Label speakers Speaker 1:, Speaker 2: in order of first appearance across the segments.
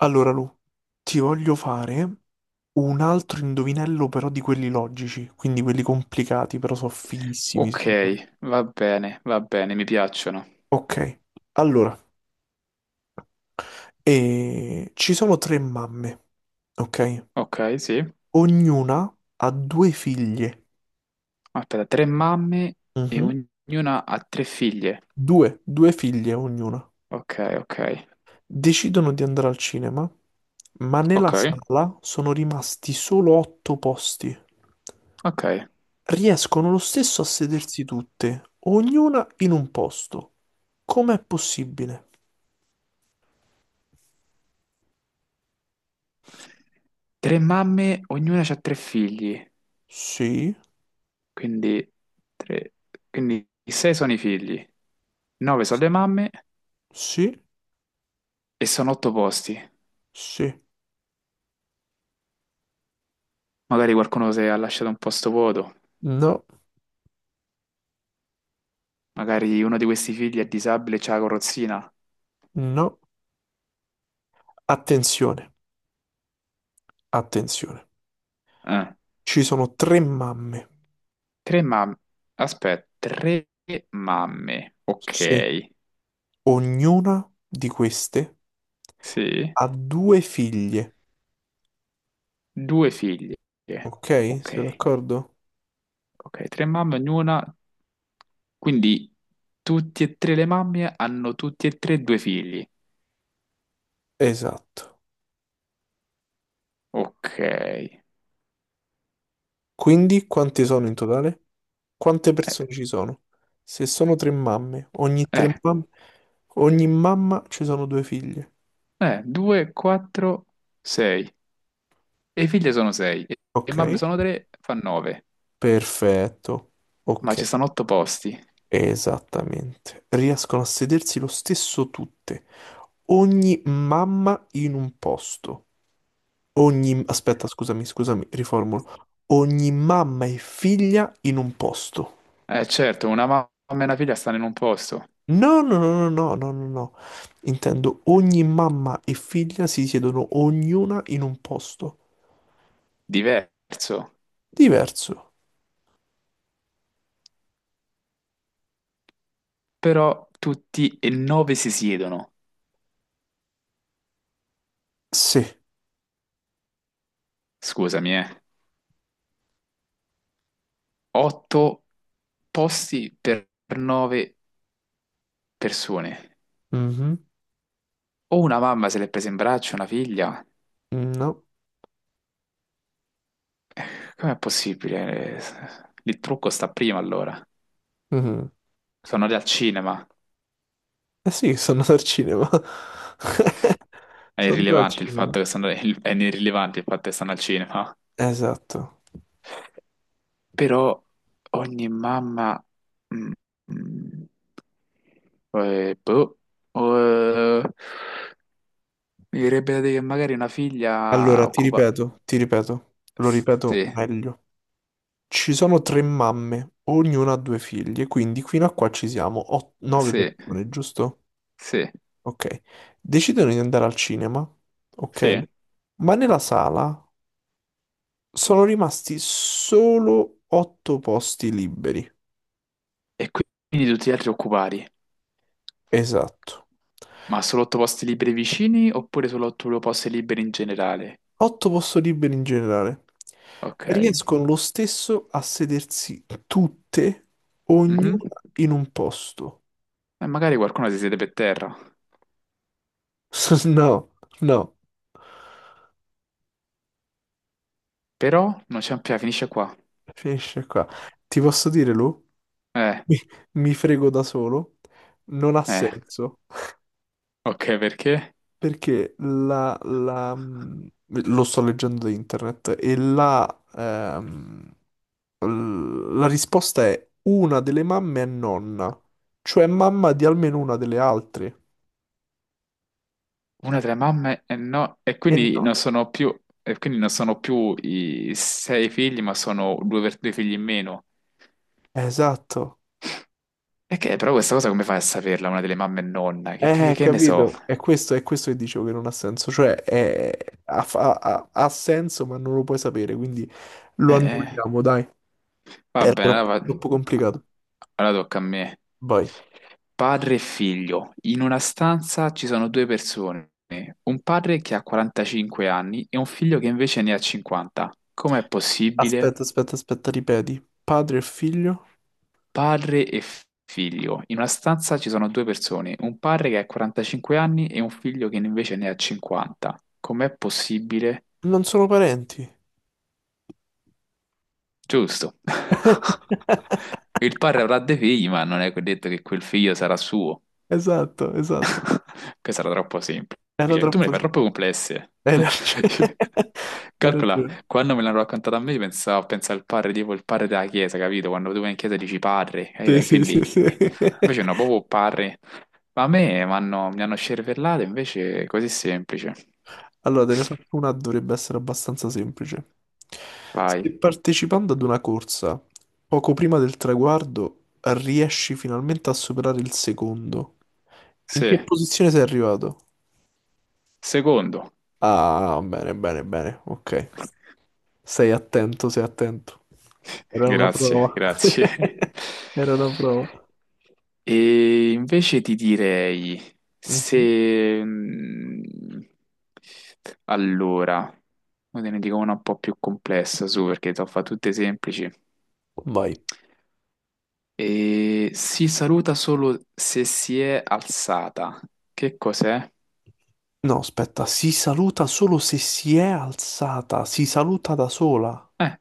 Speaker 1: Allora, Lu, ti voglio fare un altro indovinello, però di quelli logici, quindi quelli complicati, però sono fighissimi,
Speaker 2: Ok,
Speaker 1: secondo me.
Speaker 2: va bene, mi piacciono.
Speaker 1: Ok, allora, ci sono tre mamme, ok?
Speaker 2: Ok, sì.
Speaker 1: Ognuna ha due figlie.
Speaker 2: Aspetta, tre mamme e
Speaker 1: Mhm.
Speaker 2: ognuna ha tre figlie.
Speaker 1: Due, due figlie ognuna.
Speaker 2: Ok, ok,
Speaker 1: Decidono di andare al cinema, ma nella
Speaker 2: ok,
Speaker 1: sala sono rimasti solo otto posti.
Speaker 2: ok.
Speaker 1: Riescono lo stesso a sedersi tutte, ognuna in un posto. Com'è possibile?
Speaker 2: Tre mamme, ognuna ha tre figli.
Speaker 1: Sì,
Speaker 2: Quindi, tre... quindi sei sono i figli, nove sono le mamme
Speaker 1: sì,
Speaker 2: e sono otto posti.
Speaker 1: sì.
Speaker 2: Magari qualcuno si è lasciato un posto vuoto.
Speaker 1: No,
Speaker 2: Magari uno di questi figli è disabile e c'ha la carrozzina.
Speaker 1: no. Attenzione, attenzione.
Speaker 2: Eh.
Speaker 1: Ci sono tre mamme.
Speaker 2: Tre mamme. Aspetta, tre mamme. Ok,
Speaker 1: Sì. Ognuna di queste
Speaker 2: sì.
Speaker 1: ha due figlie.
Speaker 2: Due figlie.
Speaker 1: Ok? Siete
Speaker 2: Ok,
Speaker 1: d'accordo?
Speaker 2: ok, tre mamme ognuna. Quindi tutti e tre le mamme hanno tutti e tre due figli.
Speaker 1: Esatto.
Speaker 2: Ok.
Speaker 1: Quindi quante sono in totale? Quante persone ci sono? Se sono tre
Speaker 2: Eh,
Speaker 1: mamme, ogni mamma ci sono due figlie.
Speaker 2: due, quattro, sei. E le figlie sono sei. E le
Speaker 1: Ok?
Speaker 2: mamme sono tre, fa nove.
Speaker 1: Perfetto.
Speaker 2: Ma ci
Speaker 1: Ok.
Speaker 2: stanno otto posti.
Speaker 1: Esattamente. Riescono a sedersi lo stesso tutte. Ogni mamma in un posto. Ogni... Aspetta, scusami, scusami, riformulo. Ogni mamma e figlia in un posto.
Speaker 2: Eh certo, una mamma e una figlia stanno in un posto
Speaker 1: No, no, no, no, no, no, no, no. Intendo ogni mamma e figlia si siedono ognuna in un posto.
Speaker 2: diverso.
Speaker 1: Diverso.
Speaker 2: Però tutti e nove si siedono.
Speaker 1: Sì.
Speaker 2: Scusami, eh. Otto posti per nove persone.
Speaker 1: Mhm.
Speaker 2: O una mamma se l'è presa in braccio, una figlia.
Speaker 1: No.
Speaker 2: Eh, Com'è possibile? Il trucco sta prima allora.
Speaker 1: Mhm.
Speaker 2: Sono andati al cinema.
Speaker 1: Eh sì, sono andato al cinema.
Speaker 2: È
Speaker 1: Sono andato al
Speaker 2: irrilevante il fatto
Speaker 1: cinema.
Speaker 2: che stanno, è irrilevante il fatto che stanno al cinema.
Speaker 1: Esatto.
Speaker 2: Però ogni mamma... mm, mm, boh, eh, mi verrebbe da dire che magari una figlia
Speaker 1: Allora,
Speaker 2: occupa...
Speaker 1: ti ripeto, lo ripeto
Speaker 2: Sì,
Speaker 1: meglio. Ci sono tre mamme, ognuna ha due figlie, quindi fino a qua ci siamo, nove
Speaker 2: sì,
Speaker 1: persone, giusto?
Speaker 2: sì,
Speaker 1: Ok. Decidono di andare al cinema, ok?
Speaker 2: sì.
Speaker 1: Ma nella sala sono rimasti solo otto posti liberi.
Speaker 2: E quindi tutti gli altri occupati,
Speaker 1: Esatto.
Speaker 2: ma solo otto posti liberi vicini oppure solo otto posti liberi in generale?
Speaker 1: Otto posti liberi in generale.
Speaker 2: Ok.
Speaker 1: Riescono lo stesso a sedersi tutte,
Speaker 2: Mhm.
Speaker 1: ognuna in un posto.
Speaker 2: E magari qualcuno si siede per terra,
Speaker 1: No. No,
Speaker 2: però non c'è un piano, finisce qua.
Speaker 1: finisce qua. Ti posso dire, Lu?
Speaker 2: Eh,
Speaker 1: Mi, mi frego da solo. Non ha
Speaker 2: eh,
Speaker 1: senso.
Speaker 2: ok, perché?
Speaker 1: Perché lo sto leggendo da internet e ehm, la risposta è una delle mamme è nonna. Cioè mamma di almeno una delle altre.
Speaker 2: Una tra le mamme e no, e
Speaker 1: E
Speaker 2: quindi
Speaker 1: no.
Speaker 2: non sono più, e quindi non sono più i sei figli, ma sono due, due figli in meno.
Speaker 1: Esatto.
Speaker 2: E che, però questa cosa come fai a saperla, una delle mamme e nonna? Che, che ne so?
Speaker 1: Capito. È questo che dicevo che non ha senso. Cioè è- ha, fa- ha ha senso ma non lo puoi sapere, quindi lo
Speaker 2: Eh,
Speaker 1: annulliamo, dai.
Speaker 2: va
Speaker 1: Era
Speaker 2: bene, allora,
Speaker 1: troppo, troppo complicato.
Speaker 2: allora tocca a me.
Speaker 1: Vai.
Speaker 2: Padre e figlio. In una stanza ci sono due persone, un padre che ha 45 anni e un figlio che invece ne ha 50. Com'è possibile?
Speaker 1: Aspetta, aspetta, aspetta, ripeti. Padre e figlio
Speaker 2: Padre e figlio. In una stanza ci sono due persone, un padre che ha 45 anni e un figlio che invece ne ha 50. Com'è possibile?
Speaker 1: non sono parenti.
Speaker 2: Giusto. Il padre avrà dei figli, ma non è detto che quel figlio sarà suo.
Speaker 1: Esatto, esatto.
Speaker 2: Questa era troppo
Speaker 1: Era
Speaker 2: semplice. Tu me
Speaker 1: troppo...
Speaker 2: le fai troppo complesse.
Speaker 1: Hai ragione. Hai
Speaker 2: Calcola,
Speaker 1: ragione.
Speaker 2: quando me l'hanno raccontata a me, pensavo, pensa al padre, tipo il padre della chiesa, capito? Quando tu vai in chiesa dici padre, capito?
Speaker 1: Sì,
Speaker 2: E
Speaker 1: sì, sì,
Speaker 2: quindi
Speaker 1: sì.
Speaker 2: invece no, proprio padre. Ma a me mi hanno scervellato, invece è così semplice.
Speaker 1: Allora, te ne faccio una, dovrebbe essere abbastanza semplice. Se
Speaker 2: Vai.
Speaker 1: partecipando ad una corsa, poco prima del traguardo, riesci finalmente a superare il secondo, in
Speaker 2: Sì.
Speaker 1: che posizione sei arrivato?
Speaker 2: Secondo.
Speaker 1: Ah, bene, bene, bene, ok. Sei attento, sei attento. Era una
Speaker 2: Grazie,
Speaker 1: prova.
Speaker 2: grazie.
Speaker 1: Era una prova.
Speaker 2: E invece ti direi
Speaker 1: Mhm.
Speaker 2: se... allora, ora te ne dico una un po' più complessa, su, perché te ho fatto tutte semplici.
Speaker 1: Vai.
Speaker 2: E si saluta solo se si è alzata. Che cos'è?
Speaker 1: No, aspetta, si saluta solo se si è alzata, si saluta da sola, a
Speaker 2: Eh,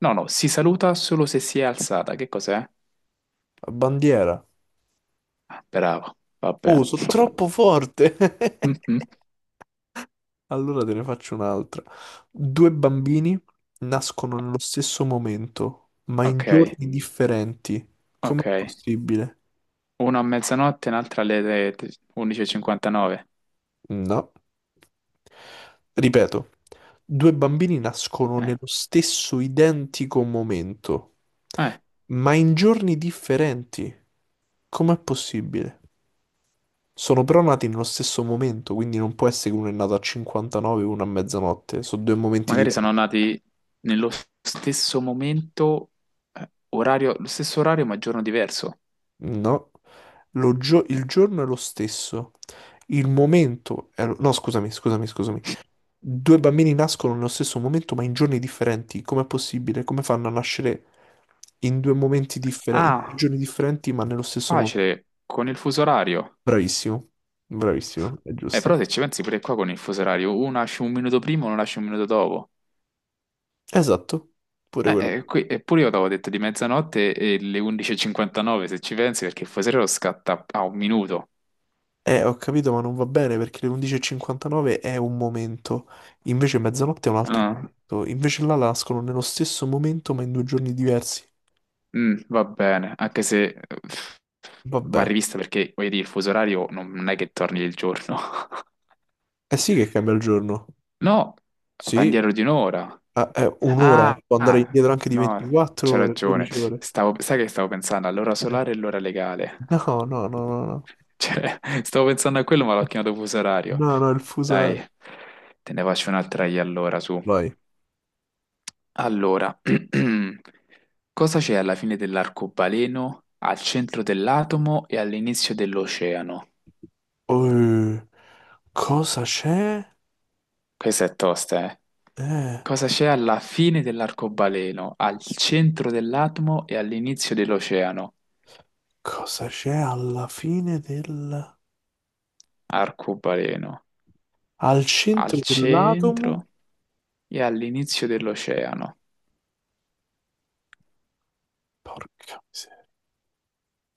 Speaker 2: no, no, si saluta solo se si è alzata. Che cos'è?
Speaker 1: bandiera.
Speaker 2: Ah, bravo,
Speaker 1: Oh,
Speaker 2: vabbè.
Speaker 1: sono troppo forte.
Speaker 2: Mhm.
Speaker 1: Allora te ne faccio un'altra. Due bambini nascono nello stesso momento, ma in
Speaker 2: Ok,
Speaker 1: giorni differenti. Com'è
Speaker 2: ok.
Speaker 1: possibile?
Speaker 2: Uno a mezzanotte, un'altra alle 11:59.
Speaker 1: No. Ripeto, due bambini nascono
Speaker 2: Eh,
Speaker 1: nello stesso identico momento,
Speaker 2: eh,
Speaker 1: ma in giorni differenti. Com'è possibile? Sono però nati nello stesso momento, quindi non può essere che uno è nato a 59 e uno a mezzanotte. Sono due momenti
Speaker 2: magari
Speaker 1: diversi.
Speaker 2: sono nati nello stesso momento, orario, lo stesso orario ma giorno diverso.
Speaker 1: No, il giorno è lo stesso. Il momento è lo- No, scusami, scusami, scusami. Due bambini nascono nello stesso momento, ma in giorni differenti. Com'è possibile? Come fanno a nascere in due momenti differenti, in due
Speaker 2: Ah,
Speaker 1: giorni differenti, ma nello stesso momento?
Speaker 2: facile, con il fuso orario.
Speaker 1: Bravissimo, bravissimo, è giusto.
Speaker 2: Però se ci pensi pure qua con il fuso orario, uno nasce un minuto prima, uno nasce un minuto dopo.
Speaker 1: Esatto, pure quello.
Speaker 2: Qui, eppure io avevo detto di mezzanotte e le 11:59 se ci pensi, perché il fuso orario scatta a un minuto.
Speaker 1: Ho capito, ma non va bene perché le 11.59 è un momento, invece mezzanotte è un altro momento, invece là nascono nello stesso momento ma in due giorni diversi.
Speaker 2: Mm, va bene, anche se va
Speaker 1: Vabbè,
Speaker 2: rivista perché, voglio dire, il fuso orario non è che torni il giorno.
Speaker 1: eh sì che cambia il giorno.
Speaker 2: No, va
Speaker 1: Sì,
Speaker 2: indietro di un'ora.
Speaker 1: ah, è un'ora,
Speaker 2: Ah,
Speaker 1: può andare
Speaker 2: ah,
Speaker 1: indietro anche di
Speaker 2: no,
Speaker 1: 24
Speaker 2: c'è
Speaker 1: ore,
Speaker 2: ragione.
Speaker 1: 12 ore.
Speaker 2: Sai che stavo pensando all'ora
Speaker 1: Eh,
Speaker 2: solare e l'ora legale.
Speaker 1: No, no, no, no, no, no,
Speaker 2: Cioè, stavo pensando a quello, ma l'ho chiamato fuso orario.
Speaker 1: no, no, il fuso
Speaker 2: Dai,
Speaker 1: orario.
Speaker 2: te ne faccio un'altra io allora, su.
Speaker 1: Vai.
Speaker 2: Allora, cosa c'è alla fine dell'arcobaleno, al centro dell'atomo e all'inizio dell'oceano?
Speaker 1: Eh, cosa c'è?
Speaker 2: Questa è tosta, eh.
Speaker 1: Eh,
Speaker 2: Cosa c'è alla fine dell'arcobaleno, al centro dell'atomo e all'inizio dell'oceano?
Speaker 1: cosa c'è alla fine del...
Speaker 2: Arcobaleno,
Speaker 1: al
Speaker 2: al
Speaker 1: centro dell'atomo?
Speaker 2: centro e all'inizio dell'oceano.
Speaker 1: Porca miseria.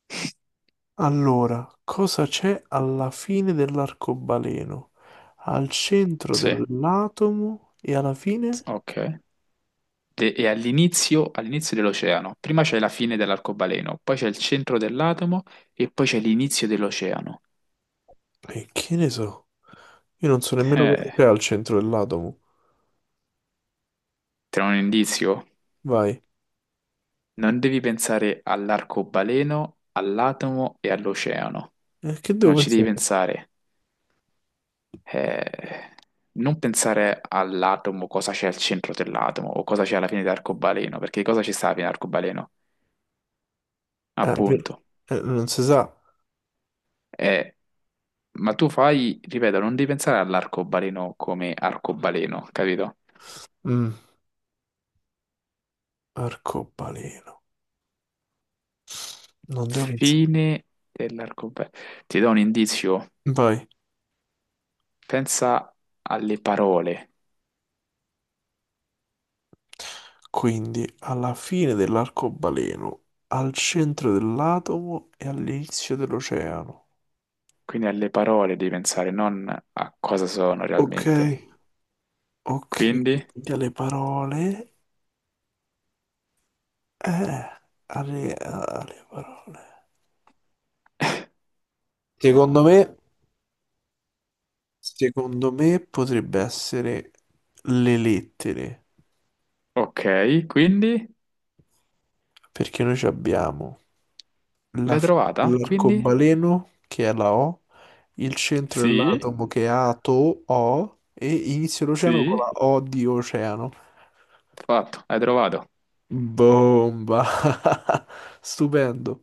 Speaker 1: Allora, cosa c'è alla fine dell'arcobaleno? Al centro
Speaker 2: Sì,
Speaker 1: dell'atomo e alla fine?
Speaker 2: ok. E all'inizio dell'oceano. Prima c'è la fine dell'arcobaleno, poi c'è il centro dell'atomo e poi c'è l'inizio dell'oceano.
Speaker 1: E che ne so? Io non so nemmeno cosa
Speaker 2: Eh,
Speaker 1: c'è al centro dell'atomo.
Speaker 2: te ne ho un indizio?
Speaker 1: Vai.
Speaker 2: Non devi pensare all'arcobaleno, all'atomo e all'oceano.
Speaker 1: Che devo
Speaker 2: Non ci devi
Speaker 1: pensare?
Speaker 2: pensare. Eh, non pensare all'atomo, cosa c'è al centro dell'atomo o cosa c'è alla fine dell'arcobaleno, perché cosa ci sta alla fine dell'arcobaleno?
Speaker 1: Eh, ve-
Speaker 2: Appunto.
Speaker 1: non si sa.
Speaker 2: Eh, ma tu fai, ripeto, non devi pensare all'arcobaleno come arcobaleno, capito?
Speaker 1: Mm, arcobaleno. Non devo pensare.
Speaker 2: Fine dell'arcobaleno. Ti do un indizio.
Speaker 1: Vai.
Speaker 2: Pensa alle parole.
Speaker 1: Quindi, alla fine dell'arcobaleno, al centro dell'atomo e all'inizio dell'oceano.
Speaker 2: Quindi alle parole devi pensare, non a cosa sono
Speaker 1: Ok,
Speaker 2: realmente.
Speaker 1: ok.
Speaker 2: Quindi,
Speaker 1: Quindi alle parole. Eh, alle, alle parole. Secondo me, secondo me potrebbe essere le lettere,
Speaker 2: ok, quindi
Speaker 1: perché noi ci abbiamo la
Speaker 2: l'hai
Speaker 1: fine
Speaker 2: trovata? Quindi,
Speaker 1: dell'arcobaleno, che è la O, il centro
Speaker 2: sì,
Speaker 1: dell'atomo, che è ato, O, e inizio l'oceano con
Speaker 2: sì,
Speaker 1: la O di oceano.
Speaker 2: fatto, hai trovato.
Speaker 1: Bomba! Stupendo.